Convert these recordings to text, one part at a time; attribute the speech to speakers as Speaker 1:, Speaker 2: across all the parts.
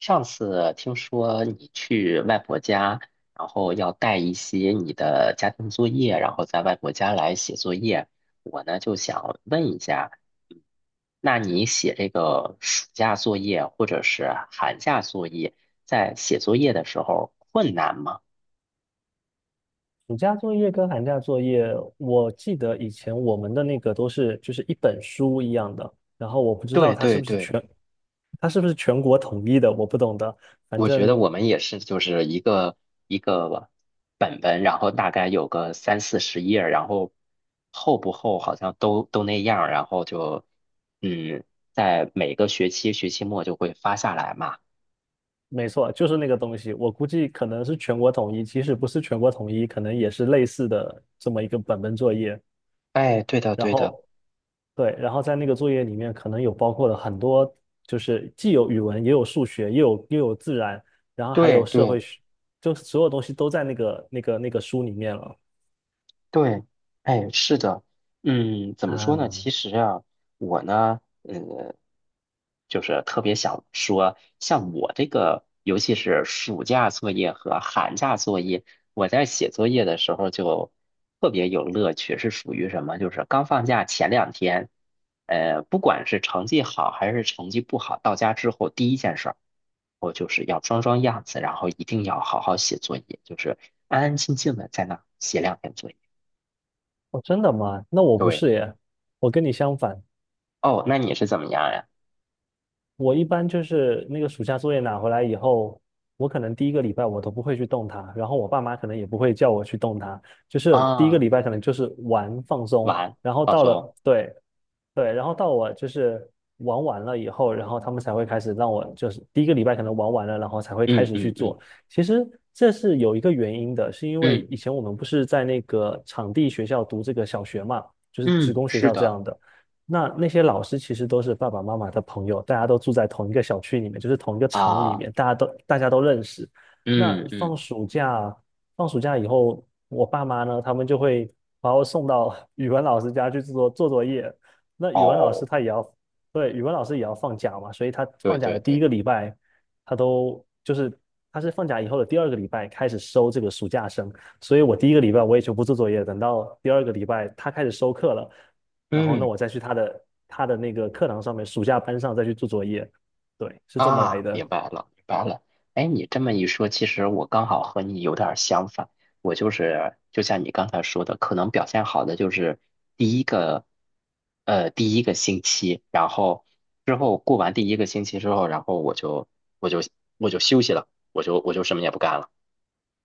Speaker 1: 上次听说你去外婆家，然后要带一些你的家庭作业，然后在外婆家来写作业。我呢就想问一下，嗯那你写这个暑假作业或者是寒假作业，在写作业的时候困难吗？
Speaker 2: 暑假作业跟寒假作业，我记得以前我们的那个都是就是一本书一样的，然后我不知道
Speaker 1: 对
Speaker 2: 它是
Speaker 1: 对
Speaker 2: 不是
Speaker 1: 对，
Speaker 2: 全国统一的，我不懂得，反
Speaker 1: 我觉得
Speaker 2: 正
Speaker 1: 我们也是，就是一个一个本本，然后大概有个30-40页儿然后厚不厚好像都那样儿然后嗯，在每个学期末就会发下来嘛。
Speaker 2: 没错，就是那个东西，我估计可能是全国统一，即使不是全国统一，可能也是类似的这么一个本本作业。
Speaker 1: 哎，对的，
Speaker 2: 然
Speaker 1: 对的，
Speaker 2: 后对，然后在那个作业里面可能有包括了很多，就是既有语文，也有数学，也有又有自然，然后还
Speaker 1: 对
Speaker 2: 有社
Speaker 1: 对。
Speaker 2: 会学，就所有东西都在那个书里面了。
Speaker 1: 对，哎，是的。嗯，怎么说呢？
Speaker 2: 啊！
Speaker 1: 其实啊，我呢，就是特别想说，像我这个，尤其是暑假作业和寒假作业，我在写作业的时候就特别有乐趣，是属于什么？就是刚放假前2天，不管是成绩好还是成绩不好，到家之后第一件事儿，我就是要装装样子，然后一定要好好写作业，就是安安静静的在那儿写2天作业。
Speaker 2: 哦，真的吗？那我不
Speaker 1: 对。
Speaker 2: 是耶，我跟你相反，
Speaker 1: 哦，那你是怎么样呀？
Speaker 2: 我一般就是那个暑假作业拿回来以后，我可能第一个礼拜我都不会去动它，然后我爸妈可能也不会叫我去动它，就是第一个
Speaker 1: 啊，
Speaker 2: 礼拜可能就是玩放松，
Speaker 1: 玩，
Speaker 2: 然后
Speaker 1: 放
Speaker 2: 到
Speaker 1: 松。
Speaker 2: 了，对，对，然后到我就是玩完了以后，然后他们才会开始让我就是第一个礼拜可能玩完了，然后才会开
Speaker 1: 嗯
Speaker 2: 始去
Speaker 1: 嗯嗯。
Speaker 2: 做。其实这是有一个原因的，是因为
Speaker 1: 嗯，
Speaker 2: 以前我们不是在那个场地学校读这个小学嘛，就是职
Speaker 1: 嗯，
Speaker 2: 工学
Speaker 1: 是
Speaker 2: 校这
Speaker 1: 的。
Speaker 2: 样的。那些老师其实都是爸爸妈妈的朋友，大家都住在同一个小区里面，就是同一个厂里
Speaker 1: 啊，
Speaker 2: 面，大家都认识。那
Speaker 1: 嗯嗯。
Speaker 2: 放暑假，放暑假以后，我爸妈呢，他们就会把我送到语文老师家去做做作业。那语文老师
Speaker 1: 哦，
Speaker 2: 他也要，对，语文老师也要放假嘛，所以他
Speaker 1: 对
Speaker 2: 放假
Speaker 1: 对
Speaker 2: 的第一
Speaker 1: 对，
Speaker 2: 个礼拜，他都就是他是放假以后的第二个礼拜开始收这个暑假生，所以我第一个礼拜我也就不做作业，等到第二个礼拜他开始收课了，然后那
Speaker 1: 嗯。
Speaker 2: 我再去他的那个课堂上面暑假班上再去做作业，对，是这么来
Speaker 1: 啊，明
Speaker 2: 的。
Speaker 1: 白了明白了。哎，你这么一说，其实我刚好和你有点儿相反，我就是就像你刚才说的，可能表现好的就是第一个，第一个星期，然后之后过完第一个星期之后，然后我就我就休息了，我就我就什么也不干了。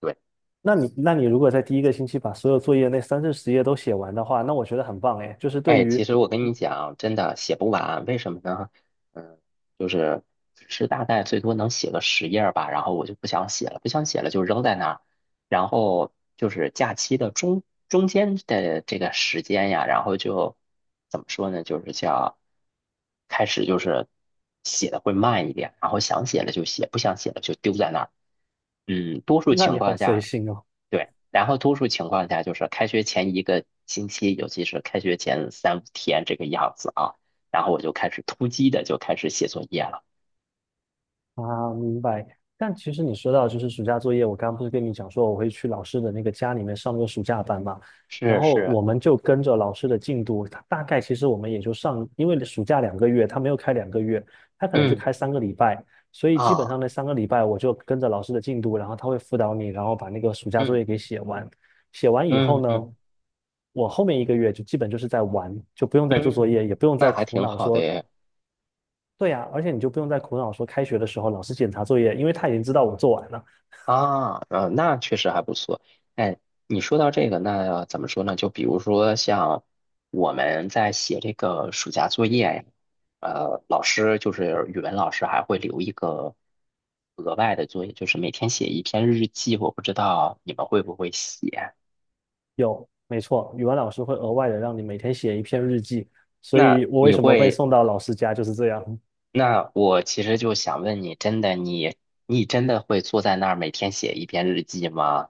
Speaker 1: 对。
Speaker 2: 那你如果在第一个星期把所有作业那三四十页都写完的话，那我觉得很棒哎，就是对
Speaker 1: 哎，其
Speaker 2: 于，
Speaker 1: 实我跟你讲，真的写不完，为什么呢？嗯，就是只是大概最多能写个十页儿吧，然后我就不想写了，不想写了就扔在那儿。然后就是假期的中间的这个时间呀，然后就怎么说呢？就是叫开始就是写的会慢一点，然后想写了就写，不想写了就丢在那儿。嗯，多数
Speaker 2: 那
Speaker 1: 情
Speaker 2: 你好
Speaker 1: 况
Speaker 2: 随
Speaker 1: 下。
Speaker 2: 性哦。
Speaker 1: 对，然后多数情况下就是开学前一个星期，尤其是开学前3-5天这个样子啊，然后我就开始突击的就开始写作业了。
Speaker 2: 啊，明白。但其实你说到就是暑假作业，我刚刚不是跟你讲说我会去老师的那个家里面上那个暑假班嘛，然
Speaker 1: 是
Speaker 2: 后
Speaker 1: 是。
Speaker 2: 我们就跟着老师的进度，他大概其实我们也就上，因为暑假两个月，他没有开两个月，他可能就
Speaker 1: 嗯。
Speaker 2: 开三个礼拜，所以基本
Speaker 1: 啊，
Speaker 2: 上那三个礼拜我就跟着老师的进度，然后他会辅导你，然后把那个暑假作
Speaker 1: 嗯
Speaker 2: 业给写完。写完以后
Speaker 1: 嗯嗯。
Speaker 2: 呢，我后面一个月就基本就是在玩，就不用再做作
Speaker 1: 嗯，
Speaker 2: 业，也不用
Speaker 1: 那
Speaker 2: 再
Speaker 1: 还
Speaker 2: 苦
Speaker 1: 挺
Speaker 2: 恼
Speaker 1: 好的
Speaker 2: 说
Speaker 1: 耶。
Speaker 2: 对呀，而且你就不用再苦恼说开学的时候老师检查作业，因为他已经知道我做完了。
Speaker 1: 啊，那确实还不错。哎，你说到这个，那怎么说呢？就比如说像我们在写这个暑假作业呀，老师就是语文老师还会留一个额外的作业，就是每天写一篇日记。我不知道你们会不会写？
Speaker 2: 有，没错，语文老师会额外的让你每天写一篇日记，所以
Speaker 1: 那
Speaker 2: 我为
Speaker 1: 你
Speaker 2: 什么被
Speaker 1: 会？
Speaker 2: 送到老师家就是这样。
Speaker 1: 那我其实就想问你，真的你真的会坐在那儿每天写一篇日记吗？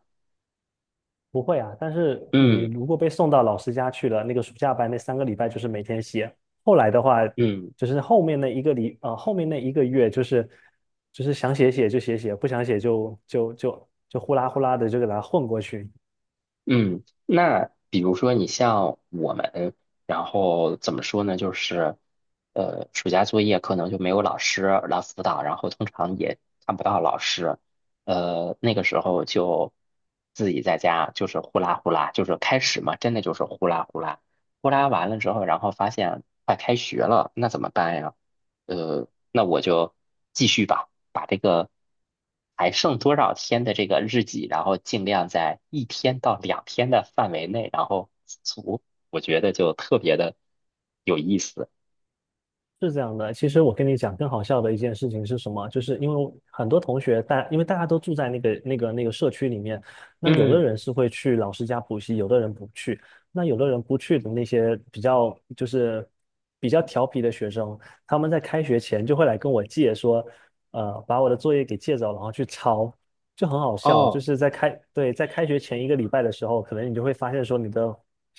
Speaker 2: 不会啊，但是你
Speaker 1: 嗯
Speaker 2: 如果被送到老师家去了，那个暑假班那三个礼拜就是每天写，后来的话
Speaker 1: 嗯。
Speaker 2: 就是后面那一个礼，后面那一个月就是就是想写写就写写，不想写就呼啦呼啦的就给它混过去。
Speaker 1: 嗯，那比如说你像我们，然后怎么说呢？就是，暑假作业可能就没有老师来辅导，然后通常也看不到老师，那个时候就自己在家就是呼啦呼啦，就是开始嘛，真的就是呼啦呼啦，呼啦完了之后，然后发现快开学了，那怎么办呀？那我就继续吧，把这个还剩多少天的这个日记，然后尽量在1天到2天的范围内，然后足，我觉得就特别的有意思。
Speaker 2: 是这样的，其实我跟你讲，更好笑的一件事情是什么？就是因为很多同学大，因为大家都住在那个社区里面，那有的
Speaker 1: 嗯。
Speaker 2: 人是会去老师家补习，有的人不去，那有的人不去的那些比较就是比较调皮的学生，他们在开学前就会来跟我借说，把我的作业给借走，然后去抄，就很好笑。就
Speaker 1: 哦，
Speaker 2: 是在开，对，在开学前一个礼拜的时候，可能你就会发现说，你的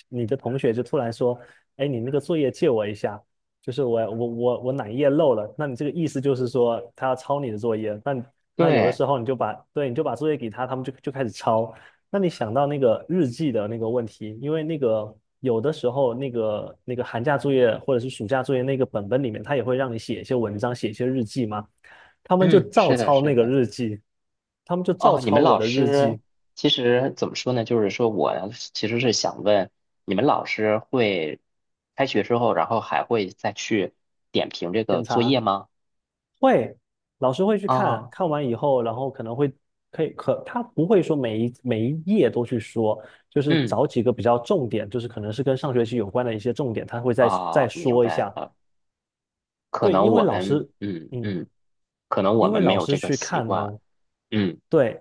Speaker 2: 你的同学就突然说，哎，你那个作业借我一下。就是我哪一页漏了，那你这个意思就是说他要抄你的作业，那有的
Speaker 1: 对。
Speaker 2: 时候你就把，对，你就把作业给他，他们就开始抄。那你想到那个日记的那个问题，因为那个有的时候那个寒假作业或者是暑假作业那个本本里面，他也会让你写一些文章，写一些日记嘛，他们就
Speaker 1: 嗯，
Speaker 2: 照
Speaker 1: 是的，
Speaker 2: 抄
Speaker 1: 是
Speaker 2: 那个
Speaker 1: 的。
Speaker 2: 日记，他们就照
Speaker 1: 哦，你
Speaker 2: 抄
Speaker 1: 们
Speaker 2: 我
Speaker 1: 老
Speaker 2: 的日
Speaker 1: 师
Speaker 2: 记。
Speaker 1: 其实怎么说呢？就是说我其实是想问，你们老师会开学之后，然后还会再去点评这个
Speaker 2: 检
Speaker 1: 作
Speaker 2: 查。
Speaker 1: 业吗？
Speaker 2: 会，老师会去
Speaker 1: 啊、
Speaker 2: 看完以后，然后可能会可以可他不会说每一页都去说，就是
Speaker 1: 嗯。
Speaker 2: 找几个比较重点，就是可能是跟上学期有关的一些重点，他会
Speaker 1: 啊，
Speaker 2: 再
Speaker 1: 明
Speaker 2: 说一
Speaker 1: 白
Speaker 2: 下。
Speaker 1: 了。可
Speaker 2: 对，
Speaker 1: 能
Speaker 2: 因为
Speaker 1: 我
Speaker 2: 老
Speaker 1: 们，
Speaker 2: 师，
Speaker 1: 嗯
Speaker 2: 嗯，
Speaker 1: 嗯，可能我
Speaker 2: 因为
Speaker 1: 们没
Speaker 2: 老
Speaker 1: 有
Speaker 2: 师
Speaker 1: 这个
Speaker 2: 去
Speaker 1: 习
Speaker 2: 看
Speaker 1: 惯。
Speaker 2: 哦，
Speaker 1: 嗯
Speaker 2: 对，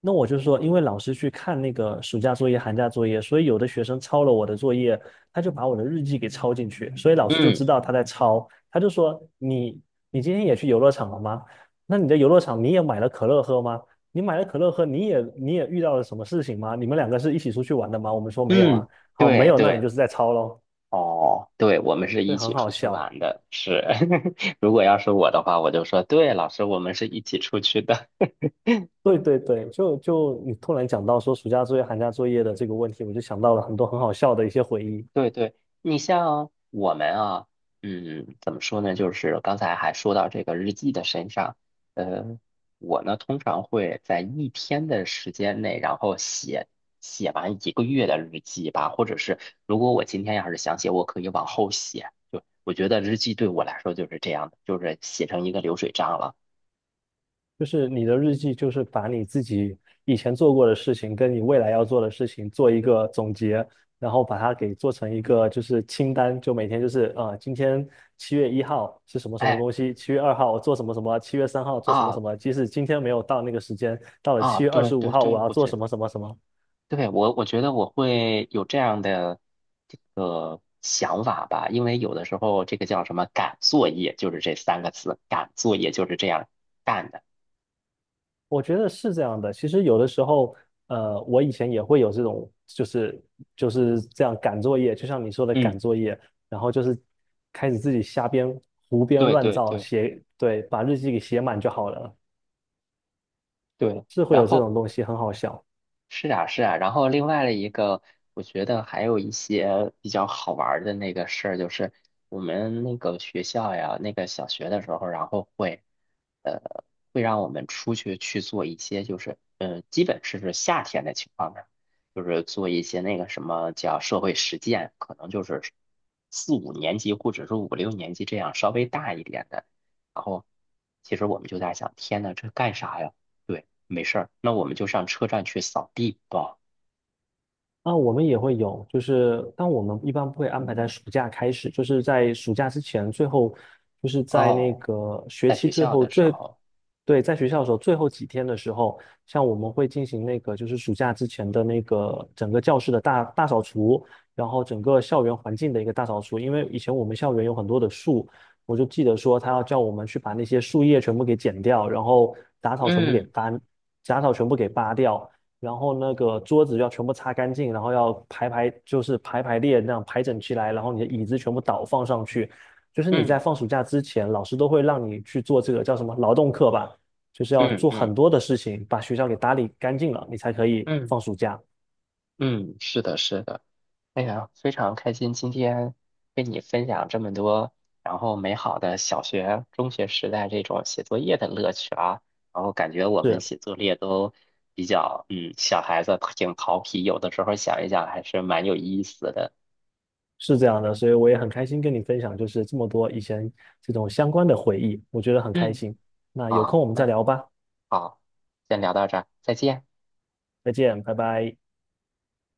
Speaker 2: 那我就说，因为老师去看那个暑假作业、寒假作业，所以有的学生抄了我的作业，他就把我的日记给抄进去，所以老师就知
Speaker 1: 嗯
Speaker 2: 道他在抄，他就说你你今天也去游乐场了吗？那你的游乐场你也买了可乐喝吗？你买了可乐喝，你也遇到了什么事情吗？你们两个是一起出去玩的吗？我们说没有啊，
Speaker 1: 嗯。
Speaker 2: 好，没
Speaker 1: 对
Speaker 2: 有，那你
Speaker 1: 对。
Speaker 2: 就是在抄喽，
Speaker 1: 哦，对，我们是
Speaker 2: 以
Speaker 1: 一
Speaker 2: 很
Speaker 1: 起
Speaker 2: 好
Speaker 1: 出去
Speaker 2: 笑。
Speaker 1: 玩的，是。如果要是我的话，我就说，对，老师，我们是一起出去的。
Speaker 2: 对对对，就你突然讲到说暑假作业、寒假作业的这个问题，我就想到了很多很好笑的一些回忆。
Speaker 1: 对对。你像我们啊，嗯，怎么说呢？就是刚才还说到这个日记的身上，呃，我呢通常会在一天的时间内，然后写完1个月的日记吧，或者是如果我今天要是想写，我可以往后写。就我觉得日记对我来说就是这样的，就是写成一个流水账了。
Speaker 2: 就是你的日记，就是把你自己以前做过的事情，跟你未来要做的事情做一个总结，然后把它给做成一个就是清单，就每天就是今天7月1号是什么什么
Speaker 1: 哎。
Speaker 2: 东西，7月2号我做什么什么，7月3号做什么
Speaker 1: 啊。
Speaker 2: 什么。即使今天没有到那个时间，到了
Speaker 1: 啊，
Speaker 2: 七月二
Speaker 1: 对
Speaker 2: 十五
Speaker 1: 对
Speaker 2: 号我
Speaker 1: 对，
Speaker 2: 要
Speaker 1: 我
Speaker 2: 做
Speaker 1: 觉得。
Speaker 2: 什么什么什么，
Speaker 1: 对，我觉得我会有这样的这个想法吧，因为有的时候这个叫什么赶作业，就是这三个字，赶作业就是这样干的。
Speaker 2: 我觉得是这样的。其实有的时候，我以前也会有这种，就是就是这样赶作业，就像你说的
Speaker 1: 嗯，
Speaker 2: 赶作业，然后就是开始自己瞎编、胡编
Speaker 1: 对
Speaker 2: 乱
Speaker 1: 对
Speaker 2: 造
Speaker 1: 对
Speaker 2: 写，对，把日记给写满就好了，
Speaker 1: 对。
Speaker 2: 是会
Speaker 1: 然
Speaker 2: 有这
Speaker 1: 后
Speaker 2: 种东西，很好笑。
Speaker 1: 是啊，是啊，然后另外的一个，我觉得还有一些比较好玩儿的那个事儿，就是我们那个学校呀，那个小学的时候，然后会，呃，会让我们出去去做一些，就是，基本是夏天的情况下，就是做一些那个什么叫社会实践，可能就是4-5年级或者是5-6年级这样稍微大一点的，然后其实我们就在想，天呐，这干啥呀？对。没事儿，那我们就上车站去扫地吧。
Speaker 2: 啊，我们也会有，就是，但我们一般不会安排在暑假开始，就是在暑假之前，最后就是在那
Speaker 1: 哦，
Speaker 2: 个学
Speaker 1: 在
Speaker 2: 期
Speaker 1: 学
Speaker 2: 最
Speaker 1: 校
Speaker 2: 后
Speaker 1: 的时
Speaker 2: 最，
Speaker 1: 候。
Speaker 2: 对，在学校的时候最后几天的时候，像我们会进行那个就是暑假之前的那个整个教室的大扫除，然后整个校园环境的一个大扫除，因为以前我们校园有很多的树，我就记得说他要叫我们去把那些树叶全部给剪掉，然后杂草全部给
Speaker 1: 嗯
Speaker 2: 搬，杂草全部给扒掉。然后那个桌子要全部擦干净，然后要排排，就是排排列那样排整齐来，然后你的椅子全部倒放上去。就是你
Speaker 1: 嗯
Speaker 2: 在
Speaker 1: 嗯。
Speaker 2: 放暑假之前，老师都会让你去做这个叫什么劳动课吧，就是要
Speaker 1: 嗯
Speaker 2: 做
Speaker 1: 嗯
Speaker 2: 很多的事情，把学校给打理干净了，你才可以
Speaker 1: 嗯。
Speaker 2: 放暑假。
Speaker 1: 嗯，是的，是的。哎呀，非常开心今天跟你分享这么多，然后美好的小学、中学时代这种写作业的乐趣啊。然后感觉我们
Speaker 2: 是
Speaker 1: 写作业都比较，嗯，小孩子挺调皮，有的时候想一想还是蛮有意思的。
Speaker 2: 是这样的，所以我也很开心跟你分享，就是这么多以前这种相关的回忆，我觉得很开
Speaker 1: 嗯，
Speaker 2: 心。那有
Speaker 1: 好，
Speaker 2: 空我们再
Speaker 1: 那
Speaker 2: 聊吧，
Speaker 1: 好，先聊到这儿，再见。
Speaker 2: 再见，拜拜。